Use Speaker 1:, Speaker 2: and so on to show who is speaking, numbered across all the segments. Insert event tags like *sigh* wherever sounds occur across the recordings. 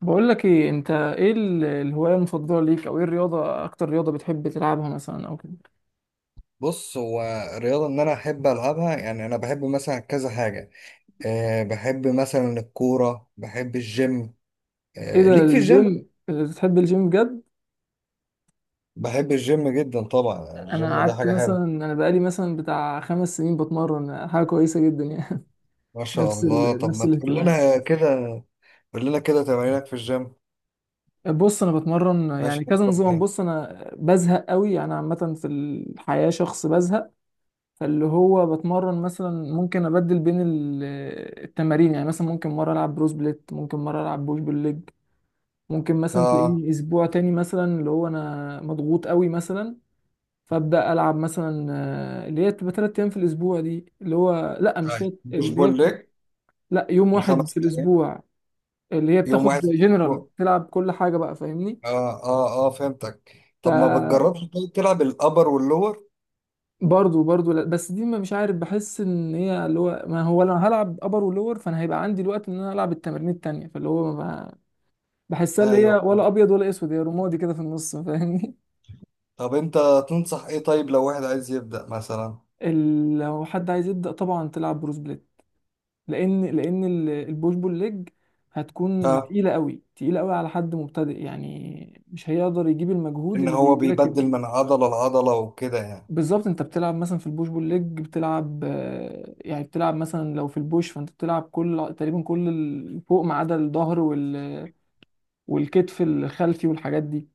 Speaker 1: بقول لك ايه، انت ايه الهواية المفضلة ليك؟ او ايه الرياضة؟ اكتر رياضة بتحب تلعبها مثلا او كده.
Speaker 2: بص هو الرياضة إن أنا أحب ألعبها، يعني أنا بحب مثلا كذا حاجة. أه بحب مثلا الكورة، بحب الجيم.
Speaker 1: ايه
Speaker 2: أه
Speaker 1: ده،
Speaker 2: ليك في الجيم؟
Speaker 1: الجيم؟ بتحب الجيم بجد؟
Speaker 2: بحب الجيم جدا، طبعا
Speaker 1: انا
Speaker 2: الجيم ده
Speaker 1: قعدت
Speaker 2: حاجة
Speaker 1: مثلا،
Speaker 2: حلوة.
Speaker 1: انا بقالي مثلا بتاع خمس سنين بتمرن، حاجة كويسة جدا يعني.
Speaker 2: ما
Speaker 1: *laughs*
Speaker 2: شاء الله. طب
Speaker 1: نفس
Speaker 2: ما تقول
Speaker 1: الاهتمام.
Speaker 2: لنا *laughs* كده، قول لنا كده تمارينك في الجيم.
Speaker 1: بص انا بتمرن
Speaker 2: ماشي
Speaker 1: يعني كذا
Speaker 2: طب
Speaker 1: نظام.
Speaker 2: إيه؟
Speaker 1: بص انا بزهق قوي، انا عامة في الحياة شخص بزهق. فاللي هو بتمرن مثلا، ممكن ابدل بين التمارين. يعني مثلا ممكن مرة العب بروس بليت، ممكن مرة العب بوش بالليج. ممكن مثلا
Speaker 2: آه.
Speaker 1: تلاقيني اسبوع تاني مثلا اللي هو انا مضغوط قوي مثلا، فابدا العب مثلا آه، اللي هي بتبقى تلات ايام في الاسبوع. دي اللي هو لا مش
Speaker 2: طيب
Speaker 1: تلات،
Speaker 2: بوش
Speaker 1: اللي هي
Speaker 2: بول
Speaker 1: بتبقى
Speaker 2: ليج.
Speaker 1: لا يوم واحد في
Speaker 2: الخمس أيام.
Speaker 1: الاسبوع، اللي هي
Speaker 2: يوم
Speaker 1: بتاخد
Speaker 2: واحد في
Speaker 1: جنرال
Speaker 2: الأسبوع.
Speaker 1: تلعب كل حاجه بقى، فاهمني.
Speaker 2: آه آه آه فهمتك. طب ما
Speaker 1: ف
Speaker 2: بتجربش طيب تلعب الأبر واللور؟
Speaker 1: برضه لا، بس دي ما مش عارف، بحس ان هي اللي هو ما هو انا هلعب ابر ولور، فانا هيبقى عندي الوقت ان انا العب التمارين التانيه، فاللي هو ما بحسها اللي هي
Speaker 2: أيوه.
Speaker 1: ولا ابيض ولا اسود، هي رمادي كده في النص، فاهمني.
Speaker 2: طب انت تنصح ايه طيب لو واحد عايز يبدأ مثلا.
Speaker 1: لو حد عايز يبدأ طبعا تلعب بروس بليت، لأن البوش بول ليج هتكون
Speaker 2: ها.
Speaker 1: تقيلة قوي، تقيلة قوي على حد مبتدئ. يعني مش هيقدر يجيب المجهود
Speaker 2: ان هو
Speaker 1: اللي
Speaker 2: بيبدل
Speaker 1: راكب.
Speaker 2: من عضلة لعضلة وكده يعني.
Speaker 1: بالظبط، انت بتلعب مثلا في البوش بول ليج بتلعب آه، يعني بتلعب مثلا لو في البوش، فانت بتلعب كل تقريبا فوق ما عدا الظهر والكتف الخلفي والحاجات دي،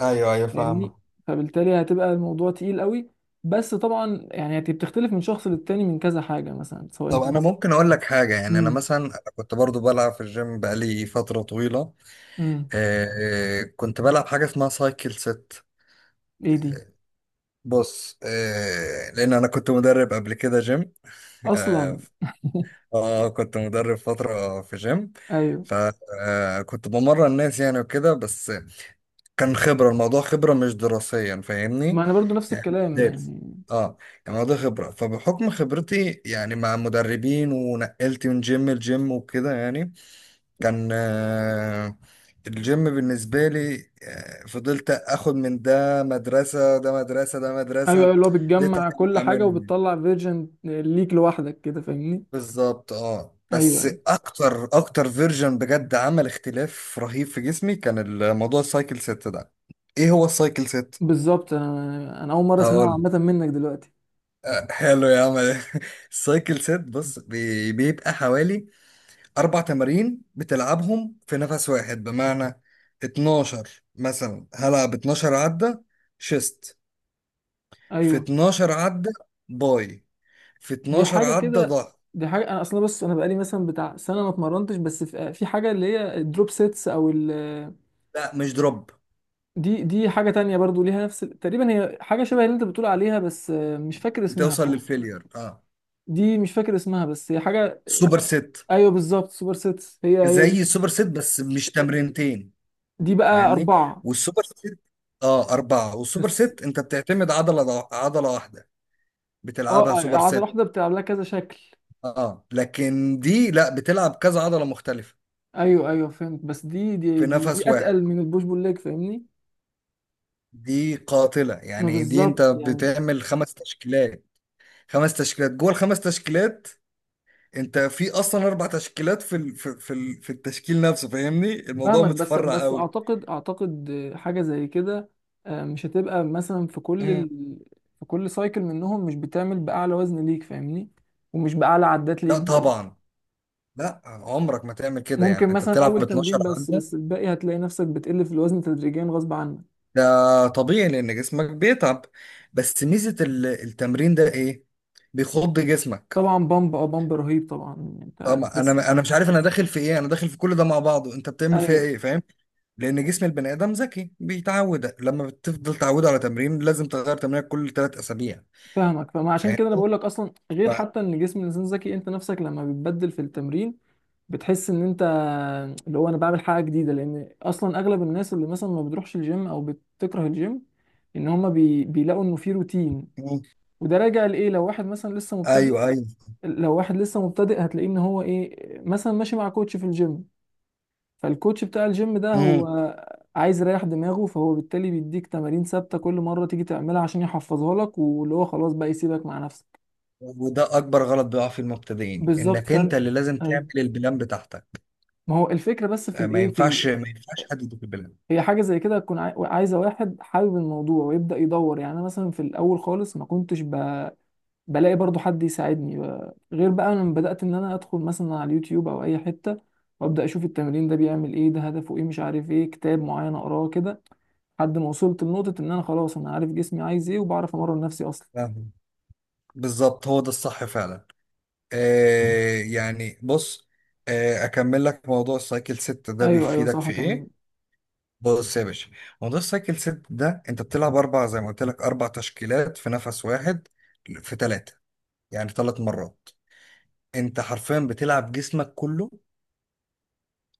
Speaker 2: ايوه ايوه
Speaker 1: فاهمني.
Speaker 2: فاهمة.
Speaker 1: فبالتالي هتبقى الموضوع تقيل قوي. بس طبعا يعني بتختلف من شخص للتاني من كذا حاجة مثلا، سواء
Speaker 2: طب
Speaker 1: انت
Speaker 2: انا
Speaker 1: مثلا.
Speaker 2: ممكن اقول لك حاجة، يعني انا
Speaker 1: مم.
Speaker 2: مثلا أنا كنت برضو بلعب في الجيم بقالي فترة طويلة.
Speaker 1: امم
Speaker 2: آه. آه، كنت بلعب حاجة اسمها سايكل ست.
Speaker 1: ايه دي؟
Speaker 2: بص آه لان انا كنت مدرب قبل كده جيم. *laughs* اه.
Speaker 1: اصلا؟
Speaker 2: آه، كنت مدرب فترة في جيم.
Speaker 1: ايوه،
Speaker 2: فكنت بمرن الناس يعني وكده، بس كان خبرة الموضوع خبرة مش دراسيا فاهمني.
Speaker 1: ما انا برضو نفس
Speaker 2: يعني مش
Speaker 1: الكلام
Speaker 2: دارس.
Speaker 1: يعني.
Speaker 2: اه. يعني الموضوع خبرة، فبحكم خبرتي يعني مع مدربين ونقلت من جيم لجيم وكده يعني كان آه الجيم بالنسبة لي. آه، فضلت اخد من ده مدرسة ده مدرسة ده
Speaker 1: ايوه، أيوة،
Speaker 2: مدرسة
Speaker 1: اللي هو
Speaker 2: ده
Speaker 1: بتجمع كل حاجه
Speaker 2: اعملهم.
Speaker 1: وبتطلع فيرجن ليك لوحدك كده، فاهمني.
Speaker 2: بالظبط اه،
Speaker 1: ايوه
Speaker 2: بس
Speaker 1: ايوه.
Speaker 2: اكتر اكتر فيرجن بجد عمل اختلاف رهيب في جسمي كان الموضوع السايكل ست ده. ايه هو السايكل ست؟
Speaker 1: بالظبط، انا انا اول مره اسمعها
Speaker 2: هقول.
Speaker 1: عامه منك دلوقتي.
Speaker 2: آه، حلو يا عم *laughs* السايكل سيت بص بيبقى حوالي أربع تمارين بتلعبهم في نفس واحد، بمعنى 12 مثلا هلعب 12 عدة شيست، في
Speaker 1: ايوه،
Speaker 2: 12 عدة باي، في
Speaker 1: دي
Speaker 2: 12
Speaker 1: حاجه
Speaker 2: عدة
Speaker 1: كده.
Speaker 2: ظهر.
Speaker 1: دي حاجه انا اصلا، بص انا بقالي مثلا بتاع سنه ما اتمرنتش، بس في حاجه اللي هي الدروب سيتس او ال،
Speaker 2: لا مش دروب.
Speaker 1: دي دي حاجه تانية برضو ليها نفس تقريبا، هي حاجه شبه اللي انت بتقول عليها، بس مش فاكر اسمها
Speaker 2: بتوصل
Speaker 1: فوق.
Speaker 2: للفيلير اه.
Speaker 1: دي مش فاكر اسمها بس هي حاجه.
Speaker 2: سوبر سيت.
Speaker 1: ايوه بالظبط، سوبر سيتس هي هي دي.
Speaker 2: زي السوبر سيت بس مش تمرينتين.
Speaker 1: دي بقى
Speaker 2: فاهمني.
Speaker 1: اربعه
Speaker 2: والسوبر سيت اه أربعة، والسوبر
Speaker 1: بس.
Speaker 2: سيت أنت بتعتمد عضلة، عضلة واحدة
Speaker 1: اه
Speaker 2: بتلعبها
Speaker 1: آه،
Speaker 2: سوبر
Speaker 1: عضله
Speaker 2: سيت.
Speaker 1: واحده بتلعب لها كذا شكل.
Speaker 2: اه لكن دي لا بتلعب كذا عضلة مختلفة
Speaker 1: ايوه ايوه فهمت، بس دي دي
Speaker 2: في
Speaker 1: دي,
Speaker 2: نفس
Speaker 1: دي
Speaker 2: واحد.
Speaker 1: اتقل من البوش بول ليج، فاهمني.
Speaker 2: دي قاتلة
Speaker 1: ما
Speaker 2: يعني، دي انت
Speaker 1: بالظبط يعني.
Speaker 2: بتعمل خمس تشكيلات، خمس تشكيلات، جوه الخمس تشكيلات انت في اصلا اربع تشكيلات في في في التشكيل نفسه فاهمني، الموضوع
Speaker 1: فاهمك، بس
Speaker 2: متفرع
Speaker 1: بس
Speaker 2: قوي.
Speaker 1: اعتقد حاجه زي كده. آه، مش هتبقى مثلا
Speaker 2: مم.
Speaker 1: في كل سايكل منهم مش بتعمل باعلى وزن ليك، فاهمني؟ ومش باعلى عدات ليك
Speaker 2: لا
Speaker 1: برضه.
Speaker 2: طبعا، لا عمرك ما تعمل كده يعني.
Speaker 1: ممكن
Speaker 2: انت
Speaker 1: مثلا
Speaker 2: بتلعب
Speaker 1: اول
Speaker 2: 12
Speaker 1: تمرين بس،
Speaker 2: عدة،
Speaker 1: بس الباقي هتلاقي نفسك بتقل في الوزن تدريجيا غصب عنك.
Speaker 2: ده طبيعي لان جسمك بيتعب. بس ميزة التمرين ده ايه؟ بيخض جسمك.
Speaker 1: طبعا بامب، بامب رهيب طبعا، يعني
Speaker 2: اه
Speaker 1: انت
Speaker 2: ما
Speaker 1: لسه.
Speaker 2: انا مش عارف انا داخل في ايه، انا داخل في كل ده مع بعضه، انت بتعمل فيها
Speaker 1: ايوه،
Speaker 2: ايه فاهم؟ لان جسم البني ادم ذكي بيتعود، لما بتفضل تعوده على تمرين لازم تغير تمرينك كل 3 اسابيع.
Speaker 1: فاهمك. فما عشان
Speaker 2: فاهم.
Speaker 1: كده انا بقول لك اصلا، غير
Speaker 2: ف...
Speaker 1: حتى ان جسم الانسان ذكي، انت نفسك لما بتبدل في التمرين بتحس ان انت اللي هو انا بعمل حاجه جديده. لان اصلا اغلب الناس اللي مثلا ما بتروحش الجيم او بتكره الجيم، ان هما بيلاقوا انه في روتين.
Speaker 2: مم.
Speaker 1: وده راجع لايه، لو واحد مثلا لسه مبتدئ.
Speaker 2: ايوه ايوه.
Speaker 1: لو واحد لسه مبتدئ هتلاقيه ان هو ايه، مثلا ماشي مع كوتش في الجيم، فالكوتش بتاع الجيم ده هو
Speaker 2: مم.
Speaker 1: عايز يريح دماغه، فهو بالتالي بيديك تمارين ثابته كل مره تيجي تعملها عشان يحفظها لك، واللي هو خلاص بقى يسيبك مع نفسك.
Speaker 2: وده اكبر غلط بيقع في المبتدئين،
Speaker 1: بالظبط،
Speaker 2: انك انت
Speaker 1: فانت
Speaker 2: اللي لازم
Speaker 1: ايوه.
Speaker 2: تعمل البلان بتاعتك.
Speaker 1: ما هو الفكره، بس في
Speaker 2: آه، ما
Speaker 1: الايه في
Speaker 2: ينفعش
Speaker 1: ال...
Speaker 2: ما ينفعش حد يديك البلان.
Speaker 1: هي حاجه زي كده تكون عايزه واحد حابب الموضوع ويبدا يدور. يعني انا مثلا في الاول خالص ما كنتش بلاقي برضو حد يساعدني غير بقى لما بدات ان انا ادخل مثلا على اليوتيوب او اي حته، وابدا اشوف التمرين ده بيعمل ايه، ده هدفه ايه، مش عارف ايه، كتاب معين اقراه كده، لحد ما وصلت لنقطة إن أنا خلاص أنا عارف جسمي عايز إيه، وبعرف أمرن نفسي أصلا.
Speaker 2: فاهم؟ بالظبط هو ده الصح فعلا. آه يعني بص، آه اكمل لك موضوع السايكل ست ده
Speaker 1: أيوه أيوه
Speaker 2: بيفيدك
Speaker 1: صح،
Speaker 2: في
Speaker 1: كان.
Speaker 2: ايه. بص يا باشا، موضوع السايكل ست ده انت بتلعب اربع زي ما قلت لك، اربع تشكيلات في نفس واحد، في ثلاثه، يعني 3 مرات، انت حرفيا بتلعب جسمك كله.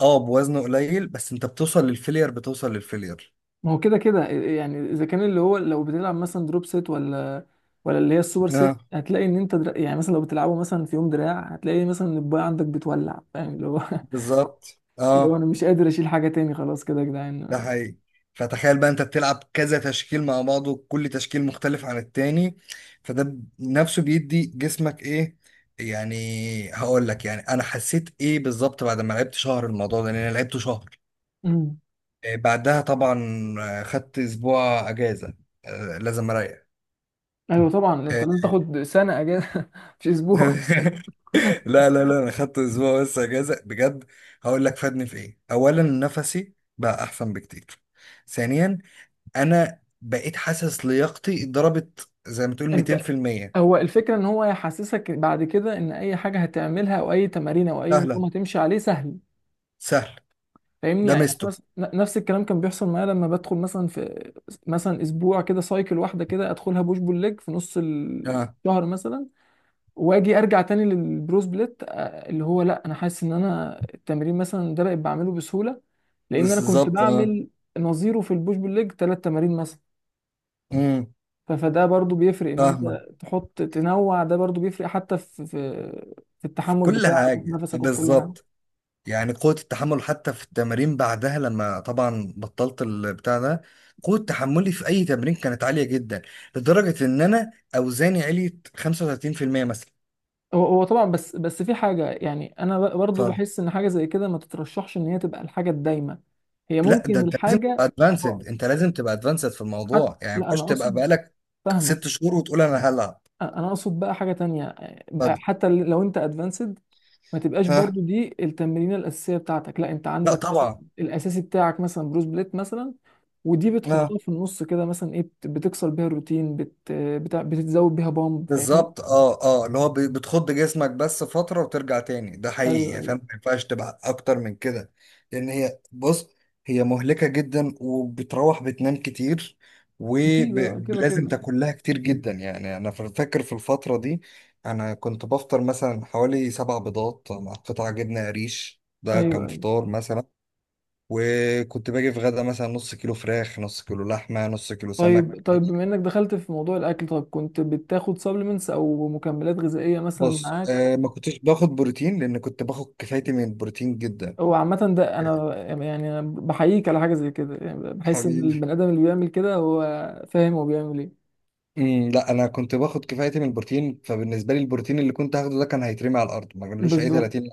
Speaker 2: اه بوزنه قليل بس انت بتوصل للفيلير، بتوصل للفيلير.
Speaker 1: ما هو كده كده يعني، إذا كان اللي هو لو بتلعب مثلا دروب سيت، ولا ولا اللي هي السوبر سيت،
Speaker 2: اه
Speaker 1: هتلاقي إن أنت يعني مثلا لو بتلعبه مثلا في يوم دراع، هتلاقي مثلا إن الباي عندك بتولع، فاهم اللي هو *laughs*
Speaker 2: بالظبط
Speaker 1: اللي هو
Speaker 2: اه،
Speaker 1: أنا مش قادر أشيل حاجة تاني، خلاص كده يا
Speaker 2: ده
Speaker 1: جدعان.
Speaker 2: حقيقي. فتخيل بقى انت بتلعب كذا تشكيل مع بعضه، كل تشكيل مختلف عن التاني، فده نفسه بيدي جسمك ايه. يعني هقول لك يعني انا حسيت ايه بالظبط بعد ما لعبت شهر الموضوع ده، لان انا لعبته شهر.
Speaker 1: أمم.
Speaker 2: آه، بعدها طبعا، آه خدت اسبوع اجازه، آه لازم اريح.
Speaker 1: أيوه طبعا، أنت
Speaker 2: آه.
Speaker 1: لازم تاخد سنة أجازة *laughs* مش
Speaker 2: *laughs*
Speaker 1: أسبوع.
Speaker 2: لا لا لا، انا خدت اسبوع بس اجازه بجد. هقول لك فادني في ايه. اولا نفسي بقى احسن بكتير. ثانيا انا بقيت حاسس لياقتي ضربت زي ما تقول
Speaker 1: أنت
Speaker 2: 200%.
Speaker 1: هو الفكرة، إن هو يحسسك بعد كده إن أي حاجة هتعملها أو أي تمارين أو أي
Speaker 2: سهله،
Speaker 1: نظام هتمشي عليه سهل،
Speaker 2: سهل.
Speaker 1: فاهمني.
Speaker 2: ده
Speaker 1: يعني أنا
Speaker 2: مستو
Speaker 1: مثلا نفس الكلام كان بيحصل معايا، لما بدخل مثلا في مثلا اسبوع كده سايكل واحده كده، ادخلها بوش بول ليج في نص
Speaker 2: اه
Speaker 1: الشهر مثلا، واجي ارجع تاني للبرو سبليت. آه، اللي هو لا انا حاسس ان انا التمرين مثلا ده بقيت بعمله بسهوله، لان انا كنت
Speaker 2: بالظبط اه.
Speaker 1: بعمل نظيره في البوش بول ليج ثلاث تمارين مثلا.
Speaker 2: امم
Speaker 1: فده برضو بيفرق، ان
Speaker 2: فاهمه.
Speaker 1: انت تحط تنوع ده برضو بيفرق، حتى في في في
Speaker 2: في
Speaker 1: التحمل
Speaker 2: كل
Speaker 1: بتاعك وفي
Speaker 2: حاجه
Speaker 1: نفسك وفي كل حاجه.
Speaker 2: بالظبط، يعني قوة التحمل حتى في التمارين بعدها لما طبعا بطلت البتاع ده، قوة تحملي في أي تمرين كانت عالية جدا لدرجة إن أنا أوزاني عليت 35% مثلا.
Speaker 1: هو هو طبعا، بس في حاجة يعني أنا
Speaker 2: ف
Speaker 1: برضو بحس إن حاجة زي كده ما تترشحش إن هي تبقى الحاجة الدايمة. هي
Speaker 2: لا ده
Speaker 1: ممكن
Speaker 2: أنت لازم تبقى
Speaker 1: الحاجة،
Speaker 2: أدفانسد، أنت لازم تبقى أدفانسد في
Speaker 1: حتى
Speaker 2: الموضوع، يعني ما
Speaker 1: لا
Speaker 2: ينفعش
Speaker 1: أنا
Speaker 2: تبقى
Speaker 1: أقصد،
Speaker 2: بقالك
Speaker 1: فاهمة.
Speaker 2: 6 شهور وتقول أنا هلعب.
Speaker 1: أنا أقصد بقى حاجة تانية، بقى
Speaker 2: ف-
Speaker 1: حتى لو أنت أدفانسد ما تبقاش
Speaker 2: ها.
Speaker 1: برضو دي التمرينة الأساسية بتاعتك. لا أنت
Speaker 2: لا
Speaker 1: عندك مثلا
Speaker 2: طبعا.
Speaker 1: الأساسي بتاعك مثلا بروس بليت مثلا، ودي
Speaker 2: ها.
Speaker 1: بتحطها في النص كده مثلا، إيه بتكسر بيها الروتين، بتتزود بيها بامب، فاهمني؟
Speaker 2: بالظبط اه اه، اللي هو بتخض جسمك بس فترة وترجع تاني، ده
Speaker 1: أيوه
Speaker 2: حقيقي فاهم،
Speaker 1: أيوه
Speaker 2: ما ينفعش تبقى اكتر من كده. لان هي بص، هي مهلكة جدا وبتروح بتنام كتير،
Speaker 1: أكيد، آه، كده
Speaker 2: ولازم
Speaker 1: كده.
Speaker 2: تاكل لها كتير جدا. يعني انا فاكر في الفترة دي انا كنت بفطر مثلا حوالي 7 بيضات مع قطع جبنة قريش، ده
Speaker 1: أيوه
Speaker 2: كان
Speaker 1: أيوه،
Speaker 2: فطار مثلا. وكنت باجي في غدا مثلا نص كيلو فراخ، نص كيلو لحمة، نص كيلو سمك.
Speaker 1: طيب طيب، بما انك دخلت في موضوع الاكل، طيب كنت بتاخد سبلمنتس او مكملات غذائيه مثلا
Speaker 2: بص
Speaker 1: معاك؟
Speaker 2: آه ما كنتش باخد بروتين، لان كنت باخد كفايتي من البروتين جدا.
Speaker 1: او عامه ده
Speaker 2: *laughs*
Speaker 1: انا. يعني أنا بحييك على حاجه زي كده، يعني بحس ان
Speaker 2: حبيبي.
Speaker 1: البني ادم اللي بيعمل كده هو فاهم هو بيعمل ايه.
Speaker 2: امم، لا انا كنت باخد كفايتي من البروتين، فبالنسبه لي البروتين اللي كنت هاخده ده كان هيترمي على الارض، ما كانلوش اي
Speaker 1: بالظبط.
Speaker 2: 30.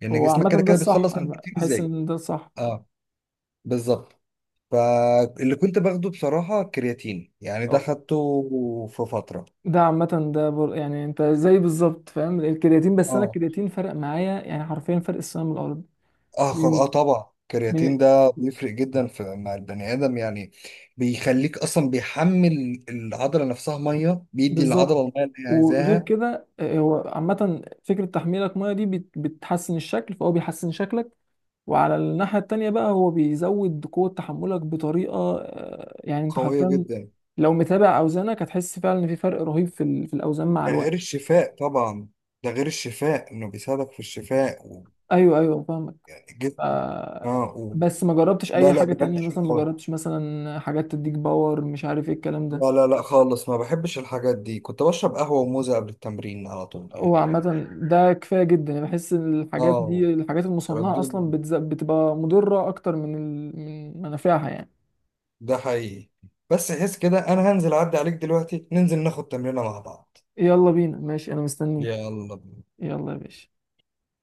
Speaker 2: لان
Speaker 1: هو
Speaker 2: جسمك
Speaker 1: عامه
Speaker 2: كده
Speaker 1: ده
Speaker 2: كده
Speaker 1: الصح،
Speaker 2: بيتخلص من
Speaker 1: انا
Speaker 2: البروتين
Speaker 1: بحس
Speaker 2: ازاي.
Speaker 1: ان ده الصح.
Speaker 2: اه بالظبط. فاللي كنت باخده بصراحه كرياتين، يعني ده
Speaker 1: أه،
Speaker 2: خدته في فتره.
Speaker 1: ده عامه ده بر... يعني انت زي بالظبط، فاهم الكرياتين. بس انا
Speaker 2: اه
Speaker 1: الكرياتين فرق معايا يعني حرفيا فرق السنه من الارض.
Speaker 2: اه
Speaker 1: من
Speaker 2: اه طبعا الكرياتين
Speaker 1: من
Speaker 2: ده بيفرق جدا في مع البني ادم يعني، بيخليك اصلا بيحمل العضله نفسها ميه، بيدي العضله
Speaker 1: بالظبط.
Speaker 2: الميه اللي هي
Speaker 1: وغير
Speaker 2: عايزاها.
Speaker 1: كده آه، هو عامة فكرة تحميلك مية دي بتحسن الشكل، فهو بيحسن شكلك. وعلى الناحية التانية بقى، هو بيزود قوة تحملك بطريقة آه، يعني انت
Speaker 2: قويه
Speaker 1: حرفيا
Speaker 2: جدا.
Speaker 1: لو متابع أوزانك هتحس فعلا إن في فرق رهيب في في الأوزان مع
Speaker 2: ده
Speaker 1: الوقت.
Speaker 2: غير الشفاء طبعا، ده غير الشفاء انه بيساعدك في الشفاء و...
Speaker 1: أيوه أيوه فاهمك.
Speaker 2: يعني جد
Speaker 1: آه،
Speaker 2: اه و...
Speaker 1: بس ما جربتش
Speaker 2: لا
Speaker 1: أي
Speaker 2: لا
Speaker 1: حاجة
Speaker 2: بجد
Speaker 1: تانية
Speaker 2: حاجه
Speaker 1: مثلا، ما
Speaker 2: قوية.
Speaker 1: جربتش مثلا حاجات تديك باور، مش عارف ايه الكلام ده.
Speaker 2: لا لا لا خالص، ما بحبش الحاجات دي. كنت بشرب قهوه وموزه قبل التمرين على طول
Speaker 1: هو عامة
Speaker 2: يعني.
Speaker 1: ده كفاية جدا، يعني بحس إن الحاجات
Speaker 2: اه
Speaker 1: دي الحاجات
Speaker 2: الكلام
Speaker 1: المصنعة
Speaker 2: ده،
Speaker 1: أصلا بتبقى مضرة أكتر من منافعها يعني.
Speaker 2: ده حقيقي. بس حس كده انا هنزل اعدي عليك دلوقتي، ننزل ناخد تمرينة مع بعض.
Speaker 1: يلا بينا ماشي، أنا مستنيك.
Speaker 2: يلا بينا.
Speaker 1: يلا يا باشا.